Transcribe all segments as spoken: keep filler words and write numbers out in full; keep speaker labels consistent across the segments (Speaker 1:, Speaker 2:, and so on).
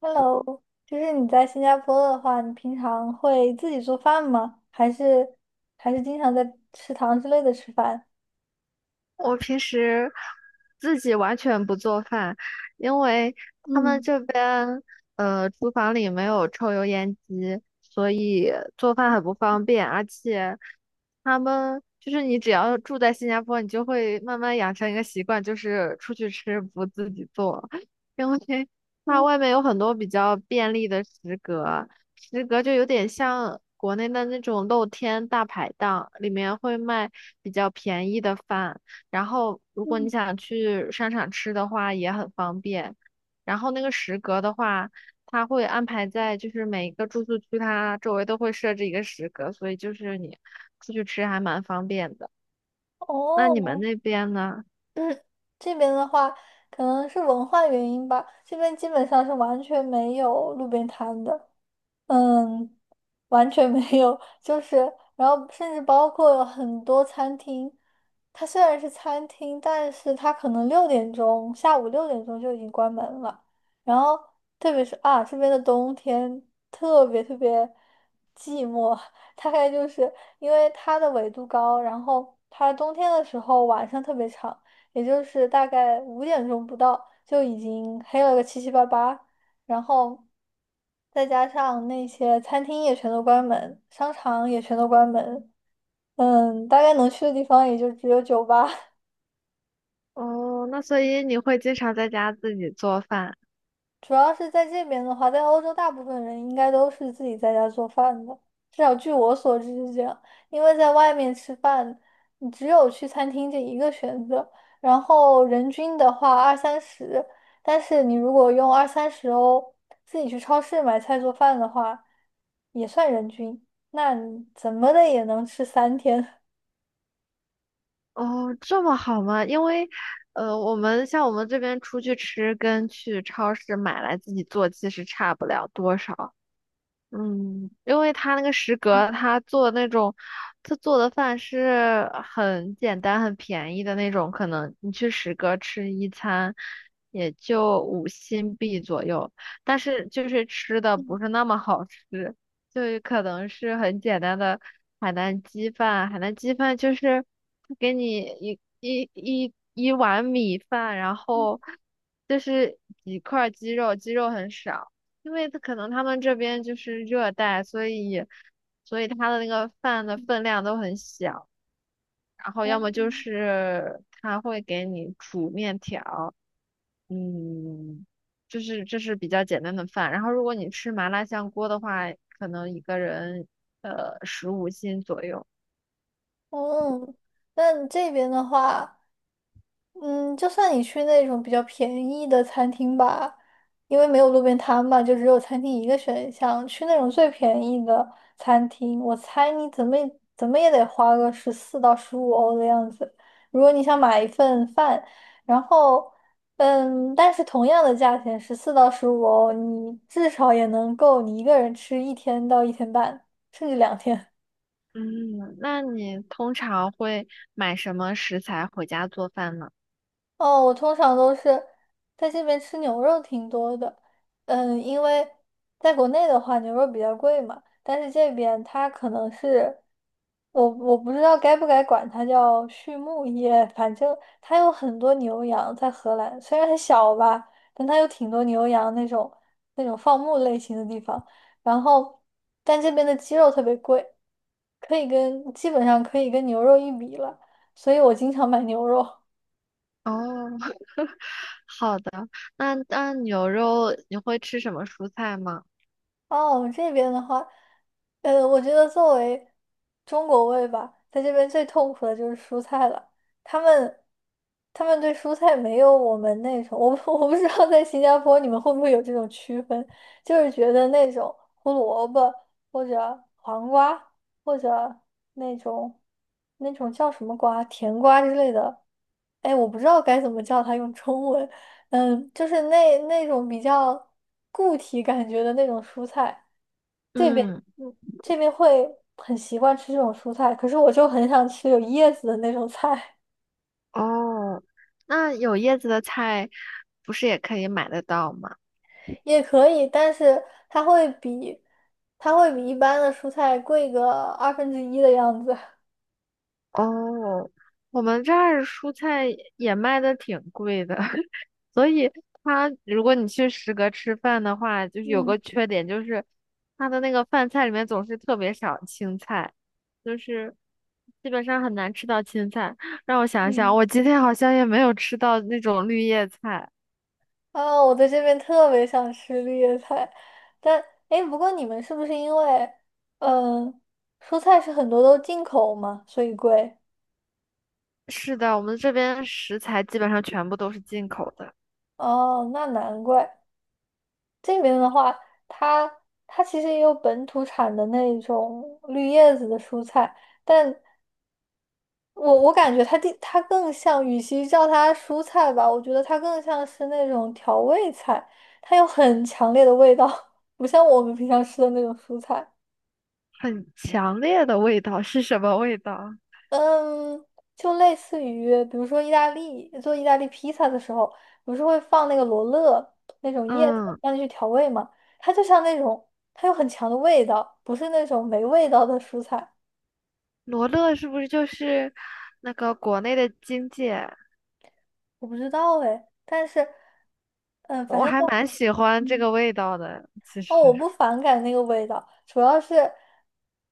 Speaker 1: Hello，就是你在新加坡的话，你平常会自己做饭吗？还是还是经常在食堂之类的吃饭？
Speaker 2: 我平时自己完全不做饭，因为他们
Speaker 1: 嗯
Speaker 2: 这边呃厨房里没有抽油烟机，里做饭很不方便，而且他们就是你只要住在新加坡，你就会慢慢养成一个习惯，就是出去吃不自己做，因为它
Speaker 1: 嗯
Speaker 2: 外面有很多比较便利的食阁，食阁就有点像国内的那种露天大排档，里面会卖比较便宜的饭，然后如果你
Speaker 1: 嗯，
Speaker 2: 想去商场吃的话也很方便，然后那个食阁的话。它会安排在就是每一个住宿区，它周围都会设置一个食阁，所以就是你出去吃还蛮方便的。那你们
Speaker 1: 哦，
Speaker 2: 那边呢？
Speaker 1: 这边的话，可能是文化原因吧，这边基本上是完全没有路边摊的。嗯，完全没有，就是，然后甚至包括很多餐厅，它虽然是餐厅，但是它可能六点钟，下午六点钟就已经关门了。然后，特别是啊，这边的冬天特别特别寂寞，大概就是因为它的纬度高，然后它冬天的时候晚上特别长，也就是大概五点钟不到就已经黑了个七七八八，然后再加上那些餐厅也全都关门，商场也全都关门，嗯，大概能去的地方也就只有酒吧。
Speaker 2: 哦，那所以你会经常在家自己做饭？
Speaker 1: 主要是在这边的话，在欧洲大部分人应该都是自己在家做饭的，至少据我所知是这样。因为在外面吃饭，你只有去餐厅这一个选择，然后人均的话二三十，但是你如果用二三十欧自己去超市买菜做饭的话，也算人均，那你怎么的也能吃三天。
Speaker 2: 哦，这么好吗？因为，呃，我们像我们这边出去吃跟去超市买来自己做其实差不了多少。嗯，因为他那个食阁，他做那种，他做的饭是很简单、很便宜的那种，可能你去食阁吃一餐也就五新币左右，但是就是吃的不是那么好吃，就是可能是很简单的海南鸡饭，海南鸡饭就是给你一一一一碗米饭，然后就是几块鸡肉，鸡肉很少。因为他可能他们这边就是热带，所以所以他的那个饭的分量都很小，然后要么就
Speaker 1: 嗯，
Speaker 2: 是他会给你煮面条，嗯，就是这是比较简单的饭。然后如果你吃麻辣香锅的话，可能一个人呃十五斤左右。
Speaker 1: 哦 嗯，那这边的话。嗯，就算你去那种比较便宜的餐厅吧，因为没有路边摊嘛，就只有餐厅一个选项。去那种最便宜的餐厅，我猜你怎么也怎么也得花个十四到十五欧的样子。如果你想买一份饭，然后，嗯，但是同样的价钱，十四到十五欧，你至少也能够你一个人吃一天到一天半，甚至两天。
Speaker 2: 嗯，那你通常会买什么食材回家做饭呢？
Speaker 1: 哦，我通常都是在这边吃牛肉挺多的，嗯，因为在国内的话牛肉比较贵嘛，但是这边它可能是，我我不知道该不该管它叫畜牧业，反正它有很多牛羊在荷兰，虽然很小吧，但它有挺多牛羊那种那种放牧类型的地方，然后但这边的鸡肉特别贵，可以跟基本上可以跟牛肉一比了，所以我经常买牛肉。
Speaker 2: 哦，那那牛肉你会吃什么蔬菜吗？
Speaker 1: 哦，我们这边的话，呃，我觉得作为中国胃吧，在这边最痛苦的就是蔬菜了。他们他们对蔬菜没有我们那种，我不 我不知道在新加坡你们会不会有这种区分，就是觉得那种胡萝卜或者黄瓜或者那种那种叫什么瓜，甜瓜之类的，哎，我不知道该怎么叫它用中文，嗯，就是那那种比较固体感觉的那种蔬菜，这边
Speaker 2: 嗯。
Speaker 1: 嗯这边会很习惯吃这种蔬菜，可是我就很想吃有叶子的那种菜，
Speaker 2: 哦，那有叶子的菜不是也可以买得到吗？
Speaker 1: 也可以，但是它会比它会比一般的蔬菜贵个二分之一的样子。
Speaker 2: 哦，我们这儿蔬菜也卖的挺贵的，所以它如果你去食阁吃饭的话，就是有
Speaker 1: 嗯
Speaker 2: 个缺点，就是它的那个饭菜里面总是特别少青菜，就是基本上很难吃到青菜。让我想想，
Speaker 1: 嗯，
Speaker 2: 我今天好像也没有吃到那种绿叶菜。
Speaker 1: 啊，我在这边特别想吃绿叶菜，但哎，诶不过你们是不是因为嗯蔬菜是很多都进口嘛，所以贵？
Speaker 2: 是的，我们这边食材基本上全部都是进口的。
Speaker 1: 哦，那难怪。这边的话，它它其实也有本土产的那种绿叶子的蔬菜，但我我感觉它地它更像，与其叫它蔬菜吧，我觉得它更像是那种调味菜，它有很强烈的味道，不像我们平常吃的那种蔬菜。
Speaker 2: 很强烈的味道是什么味道？
Speaker 1: 嗯，就类似于，比如说意大利做意大利披萨的时候，不是会放那个罗勒那种叶子
Speaker 2: 嗯，
Speaker 1: 让你去调味嘛？它就像那种，它有很强的味道，不是那种没味道的蔬菜。
Speaker 2: 罗勒是不是就是那个国内的荆芥？
Speaker 1: 我不知道哎，但是，嗯，反
Speaker 2: 我
Speaker 1: 正
Speaker 2: 还
Speaker 1: 就，
Speaker 2: 蛮喜欢这
Speaker 1: 嗯。
Speaker 2: 个味道的，其
Speaker 1: 哦，
Speaker 2: 实。
Speaker 1: 我不反感那个味道，主要是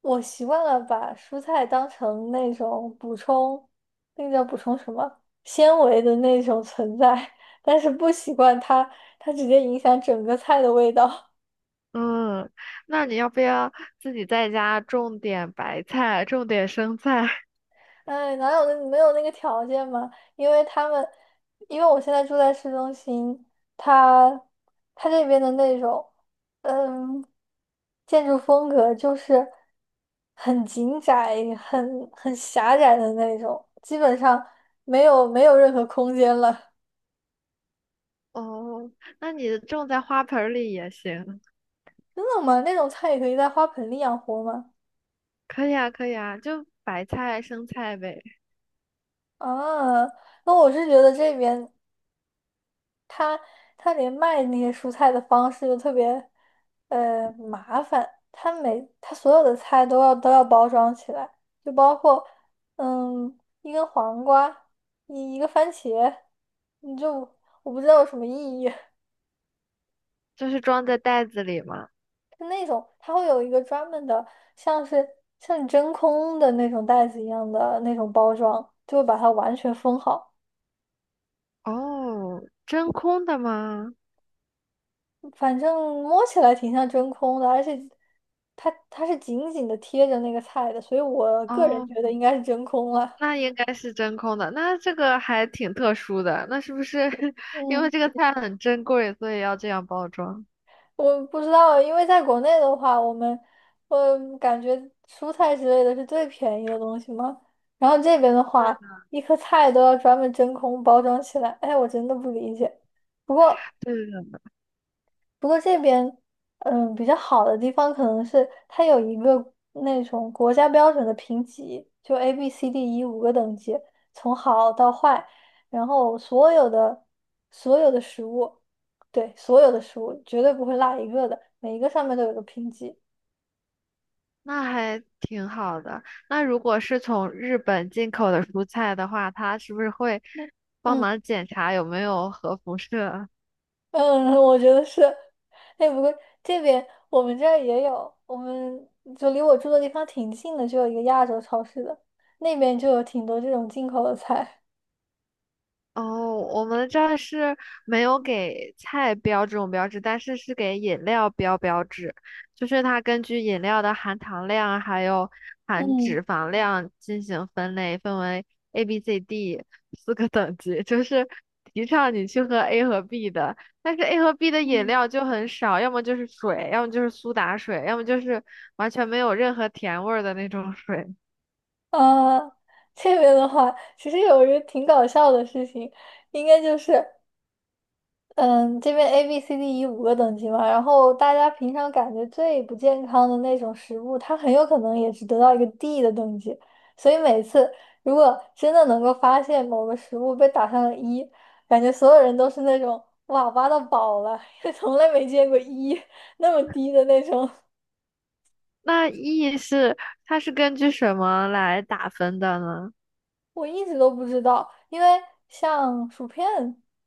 Speaker 1: 我习惯了把蔬菜当成那种补充，那个叫补充什么纤维的那种存在，但是不习惯它，它直接影响整个菜的味道。
Speaker 2: 嗯，那你要不要自己在家种点白菜，种点生菜？
Speaker 1: 哎，哪有那没有那个条件嘛？因为他们，因为我现在住在市中心，他，他这边的那种，嗯，建筑风格就是很紧窄、很很狭窄的那种，基本上没有没有任何空间了。
Speaker 2: 哦，那你种在花盆儿里也行。
Speaker 1: 真的吗？那种菜也可以在花盆里养活吗？
Speaker 2: 可以啊，可以啊，就白菜、生菜呗，
Speaker 1: 啊，那我是觉得这边。他他连卖那些蔬菜的方式都特别呃麻烦，他每他所有的菜都要都要包装起来，就包括嗯一根黄瓜，一一个番茄，你就我不知道有什么意义。
Speaker 2: 就是装在袋子里嘛。
Speaker 1: 就那种它会有一个专门的，像是像真空的那种袋子一样的那种包装，就会把它完全封好。
Speaker 2: 哦，真空的吗？
Speaker 1: 反正摸起来挺像真空的，而且它它是紧紧的贴着那个菜的，所以我个人
Speaker 2: 哦，
Speaker 1: 觉得应该是真空了。
Speaker 2: 那应该是真空的，那这个还挺特殊的。那是不是 因为
Speaker 1: 嗯，
Speaker 2: 这个菜很珍贵，所以要这样包装？
Speaker 1: 我不知道，因为在国内的话，我们我感觉蔬菜之类的是最便宜的东西嘛，然后这边的
Speaker 2: 对
Speaker 1: 话，
Speaker 2: 的，
Speaker 1: 一颗菜都要专门真空包装起来，哎，我真的不理解。不过。
Speaker 2: 对的，
Speaker 1: 不过这边，嗯，比较好的地方可能是它有一个那种国家标准的评级，就 A、B、C、D、E 五个等级，从好到坏，然后所有的所有的食物，对，所有的食物绝对不会落一个的，每一个上面都有个评级。
Speaker 2: 那还挺好的。那如果是从日本进口的蔬菜的话，它是不是会帮
Speaker 1: 嗯
Speaker 2: 忙检查有没有核辐射啊？
Speaker 1: 嗯，我觉得是。哎，不过这边我们这儿也有，我们就离我住的地方挺近的，就有一个亚洲超市的，那边就有挺多这种进口的菜。
Speaker 2: 哦，我们这儿是没有给菜标这种标志，但是是给饮料标标志，就是它根据饮料的含糖量还有 含
Speaker 1: 嗯。
Speaker 2: 脂肪量进行分类，分为 A B C D 四个等级，就是提倡你去喝 A 和 B 的，但是 A 和 B 的饮
Speaker 1: 嗯
Speaker 2: 料就很少，要么就是水，要么就是苏打水，要么就是完全没有任何甜味儿的那种水。
Speaker 1: 啊，这边的话，其实有一个挺搞笑的事情，应该就是，嗯，这边 A、B、C、D、E 五个等级嘛，然后大家平常感觉最不健康的那种食物，它很有可能也是得到一个 D 的等级，所以每次如果真的能够发现某个食物被打上了一，感觉所有人都是那种哇挖到宝了，从来没见过一那么低的那种。
Speaker 2: 那 E 是它是根据什么来打分的呢？
Speaker 1: 我一直都不知道，因为像薯片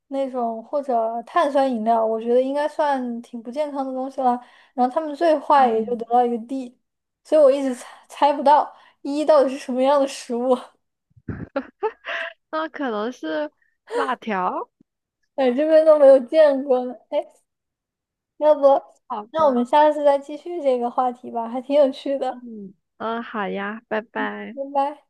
Speaker 1: 那种或者碳酸饮料，我觉得应该算挺不健康的东西了。然后他们最坏也就
Speaker 2: 嗯，
Speaker 1: 得到一个 D，所以我一直猜猜不到一到底是什么样的食物，
Speaker 2: 那可能是辣条，
Speaker 1: 哎，这边都没有见过呢。哎，要不
Speaker 2: 好
Speaker 1: 那我
Speaker 2: 吧，
Speaker 1: 们下次再继续这个话题吧，还挺有趣的。
Speaker 2: 嗯，嗯，好呀，拜拜。
Speaker 1: 拜拜。